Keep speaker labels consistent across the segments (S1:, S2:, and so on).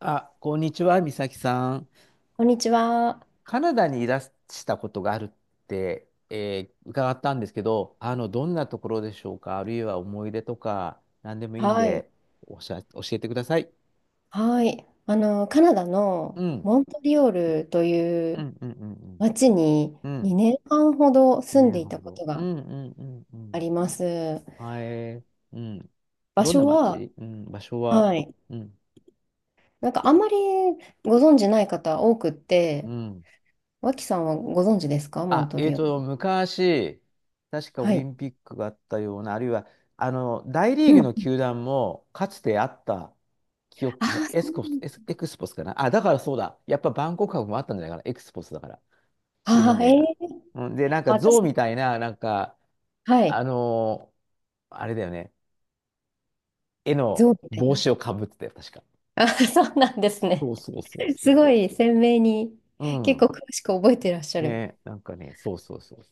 S1: あ、こんにちは、美咲さん。
S2: こんにちは。
S1: カナダにいらしたことがあるって、伺ったんですけど、あの、どんなところでしょうか、あるいは思い出とか、何でもいいん
S2: はい。
S1: で、おしゃ、教えてください。
S2: はい。カナダ
S1: う
S2: の
S1: ん、
S2: モントリオールとい
S1: う
S2: う
S1: ん、うん、うん、
S2: 町に
S1: うん。うん、
S2: 2年半ほど住
S1: 2
S2: んでい
S1: 年
S2: た
S1: 半
S2: こ
S1: 後。
S2: と
S1: う
S2: が
S1: ん、うん、うん、う
S2: あ
S1: ん。
S2: ります。
S1: はい、うん。
S2: 場
S1: どんな
S2: 所は、
S1: 街、うん、場所は、
S2: はい。
S1: うん、
S2: なんかあんまりご存知ない方多くっ
S1: う
S2: て、
S1: ん。
S2: 脇さんはご存知ですかモン
S1: あ、
S2: ト
S1: えっ
S2: リオー
S1: と、
S2: ル？
S1: 昔、確かオ
S2: は
S1: リ
S2: い。
S1: ンピックがあったような、あるいは、あの、大リー
S2: う
S1: グの
S2: ん。
S1: 球団も、かつてあった記
S2: あ
S1: 憶も、
S2: あ、そうなんだ。
S1: エクスポスかな。あ、だからそうだ。やっぱバンコク博もあったんじゃないかな。エクスポスだから、チーム
S2: ああ、
S1: 名が。
S2: ええ、
S1: うん、で、なんか、象
S2: 私、
S1: みたいな、なんか、
S2: は
S1: あ
S2: い。
S1: のーあれだよね。絵の
S2: ゾウみたい
S1: 帽
S2: な。
S1: 子をかぶってたよ、確か。
S2: あー、そうなんです
S1: そ
S2: ね。
S1: うそうそう
S2: す
S1: そ
S2: ごい鮮明に、
S1: う。う
S2: 結構
S1: ん。
S2: 詳しく覚えてらっしゃる。
S1: ね、なんかね、そうそうそう。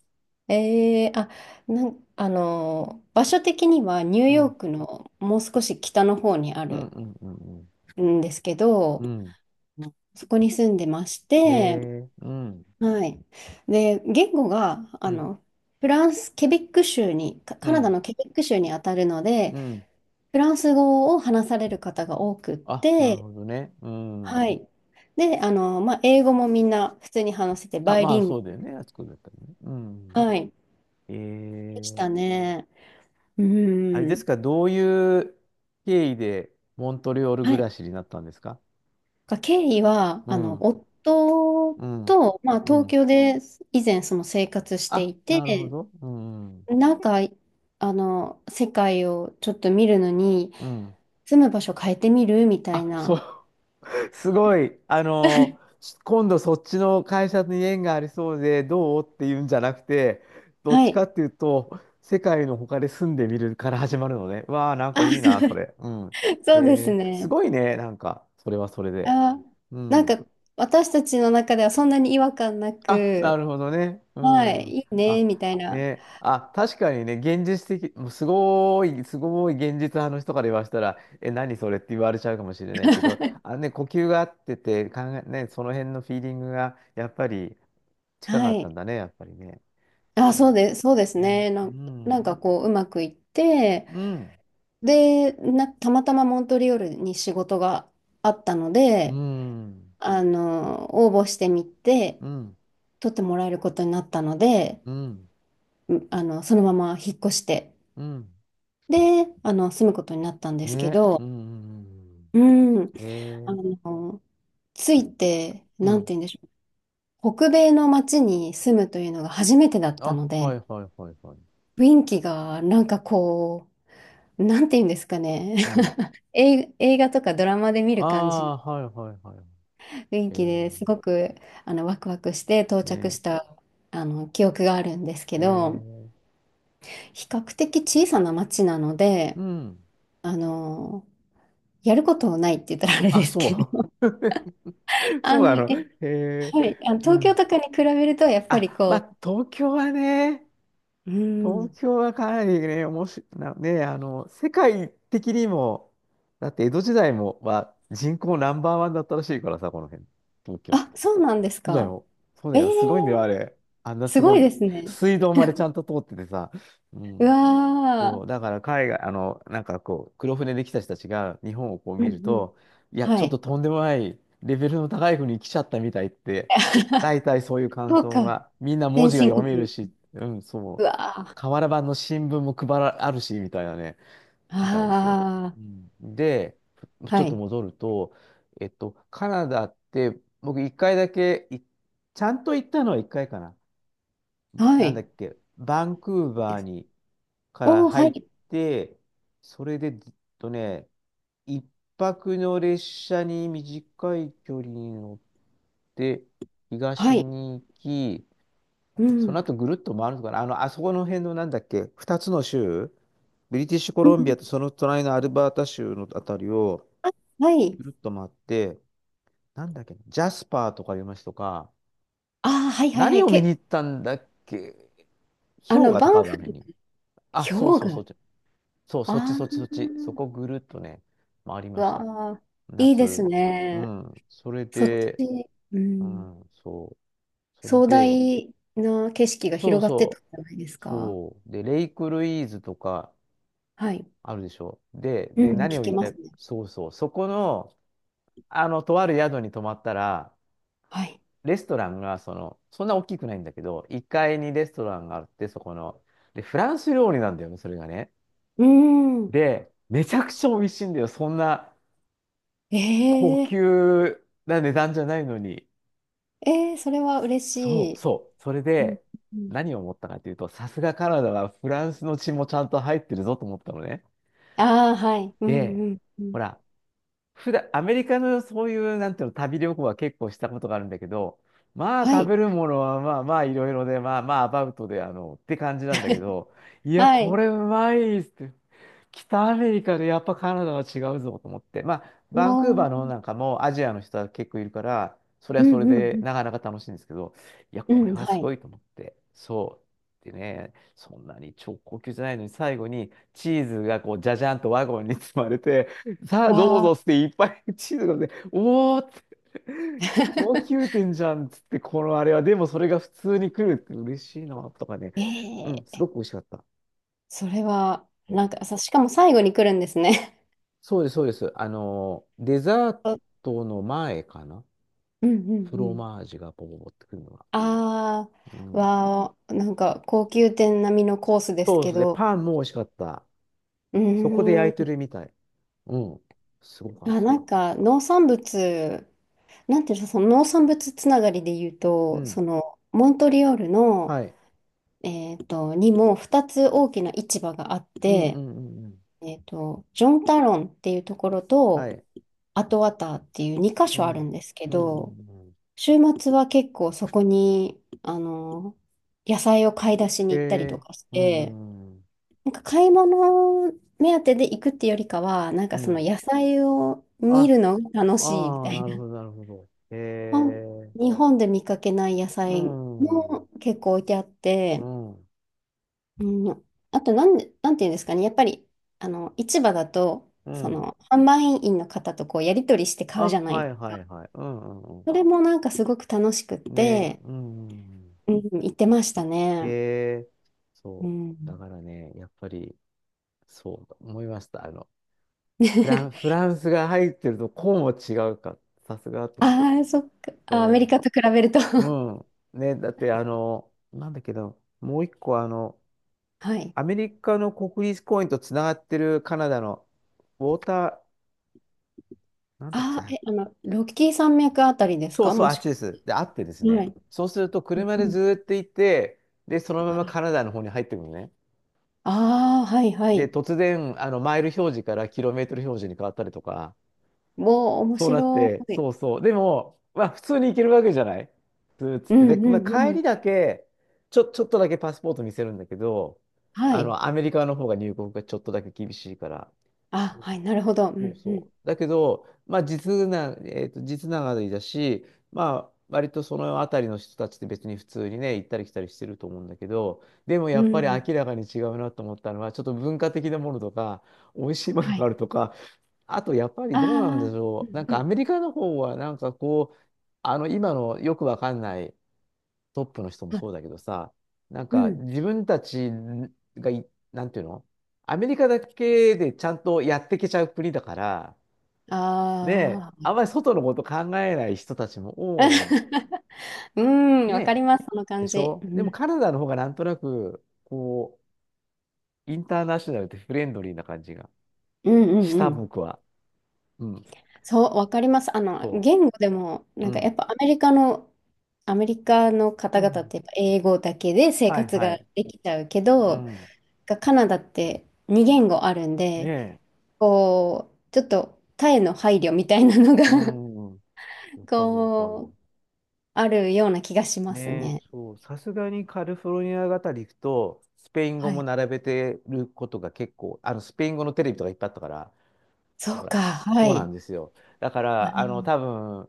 S2: あ、場所的にはニュー
S1: う
S2: ヨー
S1: ん。
S2: クのもう少し北の方にあ
S1: うん
S2: る
S1: うんうん
S2: んですけど、
S1: うん。うん。
S2: うん、そこに住んでまし
S1: へ
S2: て、
S1: え、うん。
S2: はい。で、言語が、
S1: うん、
S2: フランス、ケベック州に、
S1: う
S2: カナダ
S1: ん、
S2: のケベック州にあたるので、
S1: うん。
S2: フランス語を話される方が多くっ
S1: あ、なる
S2: て、
S1: ほどね。う
S2: は
S1: ん。
S2: い。で、まあ、英語もみんな普通に話せて、
S1: あ、
S2: バイ
S1: ま
S2: リ
S1: あ、
S2: ング
S1: そうだよ
S2: ル、
S1: ね。あそこだったらね。うん。
S2: はい。
S1: え
S2: でし
S1: ー、
S2: たね。う
S1: あれです
S2: ん。
S1: か、どういう経緯でモントリオール
S2: は
S1: 暮
S2: い。
S1: らしになったんですか？
S2: が経緯は、
S1: うん、
S2: 夫
S1: うん、
S2: と、まあ、
S1: う
S2: 東
S1: ん。
S2: 京で以前その生活して
S1: あ、
S2: い
S1: なるほ
S2: て、
S1: ど。うん、
S2: なんか、世界をちょっと見るのに、
S1: うん。
S2: 住む場所変えてみるみたい
S1: あ、そ
S2: な。
S1: う。すごい。あの、今度そっちの会社に縁がありそうでどうっていうんじゃなくて、どっ
S2: は
S1: ちか
S2: い。
S1: っていうと、世界の他で住んでみるから始まるのね。わあ、なんかいい
S2: あ、
S1: な、それ。うん。
S2: そうです
S1: えーす
S2: ね。
S1: ごいね、なんか、それはそれで。
S2: あ、
S1: う
S2: なん
S1: ん。
S2: か、私たちの中ではそんなに違和感な
S1: あ、な
S2: く、
S1: るほどね。う
S2: は
S1: ん。
S2: い、いいね、
S1: あ、
S2: みたいな。
S1: ね。あ、確かにね、現実的、もうすごい、すごい現実派の人から言わせたら、え、何それって言われちゃうかもしれないけど、あね、呼吸が合ってて、考え、ね、その辺のフィーリングが、やっぱり近
S2: は
S1: かったん
S2: い。
S1: だね、やっぱりね。
S2: あ、
S1: え
S2: そうで
S1: ー
S2: す、そうです
S1: ね。
S2: ね。
S1: う
S2: なん
S1: ん。
S2: かこう、うまくいって、
S1: うん。
S2: で、たまたまモントリオールに仕事があったの
S1: う
S2: で、
S1: ん。
S2: 応募してみて、
S1: うん。
S2: 取ってもらえることになったので、
S1: うん。
S2: うあの、そのまま引っ越して、
S1: うん。
S2: で、住むことになったんですけ
S1: ね。
S2: ど、
S1: うん。
S2: うん、あ
S1: ええ
S2: の、ついて、
S1: ー。う
S2: なん
S1: ん。
S2: て言うんでしょう、北米の街に住むというのが初めてだった
S1: あ、
S2: の
S1: はい
S2: で、
S1: はいはいはい。
S2: 雰囲気がなんかこう、なんて言うんですかね、
S1: うん。
S2: 映画とかドラマで見
S1: あ
S2: る感じの
S1: あ、はいはいはいはい。
S2: 雰囲
S1: え
S2: 気です
S1: ー、
S2: ごくワクワクして到着
S1: ね、
S2: したあの記憶があるんですけ
S1: え
S2: ど、
S1: ー、
S2: 比較的小さな町なので、
S1: うん。
S2: あのやることないって言ったらあれ
S1: あ、
S2: ですけ
S1: そ
S2: ど、
S1: う。そ
S2: あ
S1: うな
S2: の、え、
S1: の。え
S2: はい、
S1: ー、う
S2: 東京
S1: ん。
S2: とかに比べるとやっぱり
S1: あ、ま
S2: こ
S1: あ、東京はね、
S2: う、う
S1: 東
S2: ん、
S1: 京はかなりね、おもし、な、ね、あの、世界的にも、だって江戸時代も、は人口ナンバーワンだったらしいからさ、この辺、東京っ
S2: あ、
S1: て。
S2: そうなんです
S1: そうだ
S2: か？
S1: よ。そう
S2: え
S1: だ
S2: ー、
S1: よ。すごいんだよ、あれ。あんな
S2: す
S1: す
S2: ご
S1: ご
S2: い
S1: い。
S2: ですね。
S1: 水道までちゃんと通っててさ。う
S2: う
S1: ん。
S2: わ
S1: そ
S2: ー。
S1: う、だから海外、あの、なんかこう、黒船で来た人たちが日本をこう
S2: う
S1: 見る
S2: んうん。
S1: と、いや、ち
S2: は
S1: ょっと
S2: い。
S1: とんでもないレベルの高い国に来ちゃったみたいって、大体そういう感
S2: そう
S1: 想
S2: か。
S1: が、みんな文
S2: 先
S1: 字が
S2: 進
S1: 読める
S2: 国。
S1: し、うん、
S2: う
S1: そう、
S2: わー。
S1: 瓦版の新聞も配ら、あるし、みたいなね、みたいですよ。
S2: あ
S1: うん、で、
S2: あ、
S1: ち
S2: は
S1: ょっと
S2: い。
S1: 戻ると、カナダって、僕一回だけい、ちゃんと行ったのは一回かな。
S2: は
S1: なんだっ
S2: い。
S1: け、バンクーバーに、から
S2: おー、は
S1: 入っ
S2: い。
S1: て、それでずっとね、一泊の列車に短い距離に乗って、
S2: は
S1: 東
S2: い。
S1: に行き、
S2: う
S1: その
S2: ん。
S1: 後ぐるっと回るのかな。あの、あそこの辺のなんだっけ、二つの州、ブリティッシュコ
S2: うん、
S1: ロンビアとその隣のアルバータ州のあたりを
S2: あ、はい。
S1: ぐるっと回って、なんだっけ、ジャスパーとかいう街とか、
S2: あー、はいはいは
S1: 何
S2: い。
S1: を見に行ったんだっけ、氷河と
S2: バ
S1: か
S2: ン
S1: あるあの
S2: フ、
S1: 辺に。あ、そう
S2: 氷
S1: そうそ
S2: 河。
S1: う。そう、そっち
S2: あ
S1: そっちそっち。そこぐるっとね、回り
S2: あ、
S1: ました。
S2: わあ、いいです
S1: 夏。う
S2: ね。
S1: ん。それ
S2: そっ
S1: で、
S2: ち、う
S1: う
S2: ん。
S1: ん、そう。それ
S2: 壮
S1: で、
S2: 大な景色が
S1: そ
S2: 広
S1: う
S2: がってた
S1: そ
S2: んじゃないです
S1: う。
S2: か？
S1: そう。で、レイクルイーズとか
S2: はい。
S1: あるでしょ。で、
S2: う
S1: で、
S2: ん、聞
S1: 何を言
S2: き
S1: い
S2: ま
S1: た
S2: す
S1: い、
S2: ね。
S1: そうそう。そこの、あの、とある宿に泊まったら、
S2: はい。
S1: レストランが、その、そんな大きくないんだけど、1階にレストランがあって、そこの。で、フランス料理なんだよね、それがね。
S2: うん。
S1: で、めちゃくちゃ美味しいんだよ。そんな、高
S2: ええ、
S1: 級な値段じゃないのに。
S2: ええ、それは嬉し
S1: そう
S2: い。
S1: そう。それ
S2: うん。
S1: で、
S2: うん、
S1: 何を思ったかというと、さすがカナダはフランスの血もちゃんと入ってるぞと思ったのね。
S2: あー、はい。うん、
S1: で、
S2: うん、う
S1: ほ
S2: ん。
S1: ら、普段、アメリカのそういう、なんていうの、旅行は結構したことがあるんだけど、まあ
S2: は
S1: 食
S2: い。
S1: べるものはまあまあいろいろで、まあまあアバウトで、あの、って感じなんだけ ど、いや、
S2: は
S1: こ
S2: い。
S1: れうまいっすって。北アメリカでやっぱカナダは違うぞと思って、まあ、バンクーバー
S2: も
S1: の方なんかもアジアの人は結構いるから、それ
S2: う、
S1: は
S2: う
S1: それ
S2: ん、う
S1: で
S2: ん、
S1: なかなか楽しいんですけど、いや、
S2: う
S1: こ
S2: ん。
S1: れ
S2: うん、
S1: は
S2: は
S1: すご
S2: い。
S1: いと思って、そう。でね、そんなに超高級じゃないのに、最後にチーズがこう、じゃじゃんとワゴンに積まれて、さあ、どう
S2: わ
S1: ぞ
S2: あ。
S1: っつって、いっぱいチーズがね、おーって、高級 店じゃんっつって、このあれは、でもそれが普通に来るって嬉しいな、とかね。う
S2: え
S1: ん、す
S2: え、
S1: ごく美味しかった。
S2: それは、なんかさ、しかも最後に来るんですね。
S1: そうです、そうです。あの、デザ ー
S2: そう、
S1: トの前かな。
S2: うんうん
S1: フ
S2: う
S1: ロ
S2: ん。
S1: マージュがポポポってくるのが。
S2: あ
S1: う
S2: あ、
S1: ん。
S2: わあ、なんか高級店並みのコースです
S1: そうで
S2: け
S1: すね。
S2: ど、
S1: パンも美味しかった。
S2: う
S1: そこで
S2: ー
S1: 焼
S2: ん、
S1: いてるみたい。うん。すごかっ
S2: あ、な
S1: た。
S2: んか農産物、なんていうの、その農産物つながりで言う
S1: う
S2: と、
S1: ん。
S2: その、モントリオールの、
S1: はい。
S2: にも2つ大きな市場があっ
S1: うんう
S2: て、
S1: んうんうん。
S2: ジョンタロンっていうところ
S1: は
S2: と、
S1: い。
S2: アトワターっていう2箇
S1: うん。
S2: 所あるんですけ
S1: うんうん
S2: ど、
S1: うん。
S2: 週末は結構そこに、野菜を買い出し
S1: へ
S2: に行ったりと
S1: え。
S2: かし
S1: うんう
S2: て、
S1: んうん。
S2: なんか買い物目当てで行くってよりかは、なん
S1: う
S2: かその
S1: ん。
S2: 野菜を見
S1: あ、
S2: るのが楽しいみ
S1: あ
S2: た
S1: あ、
S2: い
S1: なる
S2: な。
S1: ほど、なるほど。へ
S2: ほん
S1: え、
S2: 日本で見かけない野
S1: う
S2: 菜
S1: ん、う
S2: も結構置いてあっ
S1: ん、
S2: て、うん、あとなん、なんていうんですかね、やっぱり、市場だと、
S1: う
S2: そ
S1: ん。
S2: の、販売員の方とこう、やり取りして買うじ
S1: あ、
S2: ゃない
S1: は
S2: で
S1: い
S2: す
S1: はい
S2: か。
S1: はい。うん、うん、
S2: そ
S1: う
S2: れもなんかすごく楽しくっ
S1: ん。ね、
S2: て、
S1: うん。
S2: うん、行ってました
S1: へ
S2: ね。
S1: え、
S2: う
S1: そう。だ
S2: ん。
S1: からね、やっぱり、そう思いました。あの、フ ランスが入ってると、こうも違うか。さすがと思って。
S2: ああ、そっか。あ、アメリ
S1: そ
S2: カと比べると、
S1: う。うん。ね、だって、あの、なんだけど、もう一個、あの、
S2: はい。
S1: アメリカの国立公園とつながってるカナダのウォーターなんだっけ
S2: ああ、え、
S1: な。
S2: ロッキー山脈あたりです
S1: そう
S2: か、
S1: そう、あ
S2: も
S1: っ
S2: し
S1: ち
S2: く
S1: です。で、あってです
S2: は。は
S1: ね。
S2: い。
S1: そうすると、
S2: うん
S1: 車で
S2: うん。
S1: ずーっと行って、で、そのま
S2: は
S1: まカ
S2: い。
S1: ナダの方に入ってくるのね。
S2: ああ、はいは
S1: で、
S2: い。
S1: 突然、あの、マイル表示からキロメートル表示に変わったりとか、
S2: おお、面
S1: そうなっ
S2: 白
S1: て、
S2: い。
S1: そうそう。でも、まあ、普通に行けるわけじゃないずーっつっ
S2: う
S1: て。
S2: ん
S1: で、ま
S2: う
S1: あ、
S2: んう
S1: 帰り
S2: ん。
S1: だけ、ちょっとだけパスポート見せるんだけど、
S2: は
S1: あ
S2: い。
S1: の、アメリカの方が入国がちょっとだけ厳しいから、
S2: あ、はい、なるほど。う
S1: そう
S2: んうん。
S1: そう。だけど、まあ実な、実ながりだし、まあ割とその辺りの人たちって別に普通にね、行ったり来たりしてると思うんだけど、でも
S2: う
S1: やっぱり
S2: ん。
S1: 明らかに違うなと思ったのは、ちょっと文化的なものとか、美味しいもの
S2: は
S1: があ
S2: い。
S1: るとか、あとやっぱり
S2: あ
S1: どうなんでし
S2: あ、う
S1: ょう。な
S2: ん
S1: ん
S2: う
S1: かア
S2: ん。
S1: メリカの方はなんかこう、あの今のよくわかんないトップの人も
S2: あ、
S1: そうだけどさ、なん
S2: う
S1: か
S2: ん。
S1: 自分たちがい、なんていうのアメリカだけでちゃんとやってけちゃう国だから、で、あ
S2: あ
S1: んまり外のこと考えない人たちも
S2: あ。
S1: 多い。
S2: うん、わかり
S1: ね、
S2: ます、その
S1: で
S2: 感
S1: し
S2: じ。
S1: ょ。で
S2: う
S1: も
S2: ん、
S1: カナダの方がなんとなく、こう、インターナショナルでフレンドリーな感じが
S2: うん、
S1: し
S2: うん
S1: た、
S2: うん。
S1: 僕は。うん。
S2: そう、わかります。
S1: そ
S2: 言語でも、
S1: う。
S2: なん
S1: う
S2: かやっ
S1: ん。
S2: ぱアメリカの、アメリカの
S1: う
S2: 方々っ
S1: ん。
S2: てやっぱ英語だけで生
S1: はい
S2: 活
S1: は
S2: が
S1: い。
S2: できちゃうけ
S1: う
S2: ど、
S1: ん。
S2: がカナダって二言語あるん
S1: ね
S2: で、
S1: え。
S2: こう、ちょっと他への配慮みたいなのが、
S1: うん。わ かるわか
S2: こ
S1: る。
S2: う、あるような気がします
S1: ねえ、
S2: ね。
S1: そう。さすがにカリフォルニアあたり行くと、スペイン語
S2: は
S1: も
S2: い。
S1: 並べてることが結構、あの、スペイン語のテレビとかいっぱいあったから、
S2: そ
S1: ほ
S2: う
S1: ら、
S2: か、は
S1: そうな
S2: い。
S1: んですよ。だから、
S2: あ、
S1: あの、多分、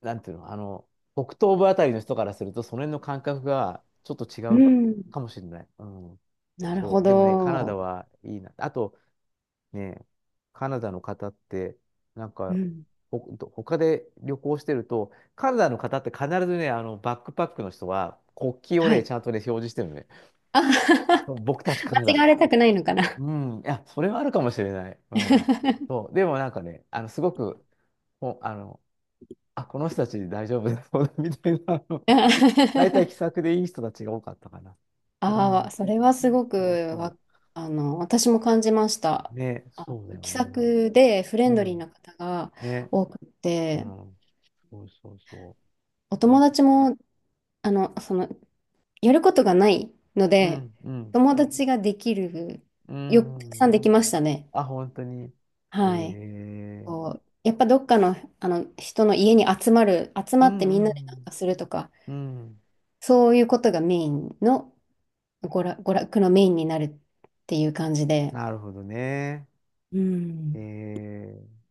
S1: なんていうの、あの、北東部あたりの人からすると、その辺の感覚がちょっと違
S2: う
S1: う
S2: ん。
S1: かもしれない。うん。
S2: なるほ
S1: そう。でもね、カナダ
S2: ど。
S1: はいいな。あとね、カナダの方って、なん
S2: う
S1: か、
S2: ん。
S1: ほ、他で旅行してると、カナダの方って必ずね、あの、バックパックの人は国旗を
S2: は
S1: ね、
S2: い。
S1: ちゃんとね、表示してるのね。
S2: あ、
S1: 僕たちカナ
S2: 間
S1: ダ
S2: 違
S1: が
S2: わ
S1: 来
S2: れ
S1: た。
S2: たくないのかな。
S1: うん。いや、それはあるかもしれない。うん。そう。でもなんかね、あの、すごく、ほあの、あ、この人たち大丈夫だそうだみたいな、大体気さくでいい人たちが多かったかな。う
S2: ああ、
S1: ん。
S2: それはすごく、
S1: そうそ
S2: わ、私も感じまし
S1: う。
S2: た。
S1: ね、
S2: あの
S1: そうだよ
S2: 気さ
S1: ね。なん
S2: くでフレ
S1: う
S2: ンドリー
S1: ん。
S2: な方が
S1: ね。
S2: 多く
S1: う
S2: て、
S1: ん。そうそうそ
S2: お
S1: う。い
S2: 友
S1: いと。
S2: 達も、その、やることがないの
S1: う
S2: で、
S1: ん、うん。
S2: 友達ができる、
S1: う
S2: よ、たく
S1: ん、う
S2: さんで
S1: ん。
S2: きましたね。
S1: あ、本当に。え
S2: はい。
S1: ー。
S2: こう、やっぱどっかの、あの人の家に集まる、集
S1: う
S2: まってみんなでなん
S1: ん、
S2: かするとか、
S1: うん。うん。
S2: そういうことがメインの、娯楽のメインになるっていう感じで。
S1: なるほどね。
S2: う
S1: え
S2: ん
S1: ー。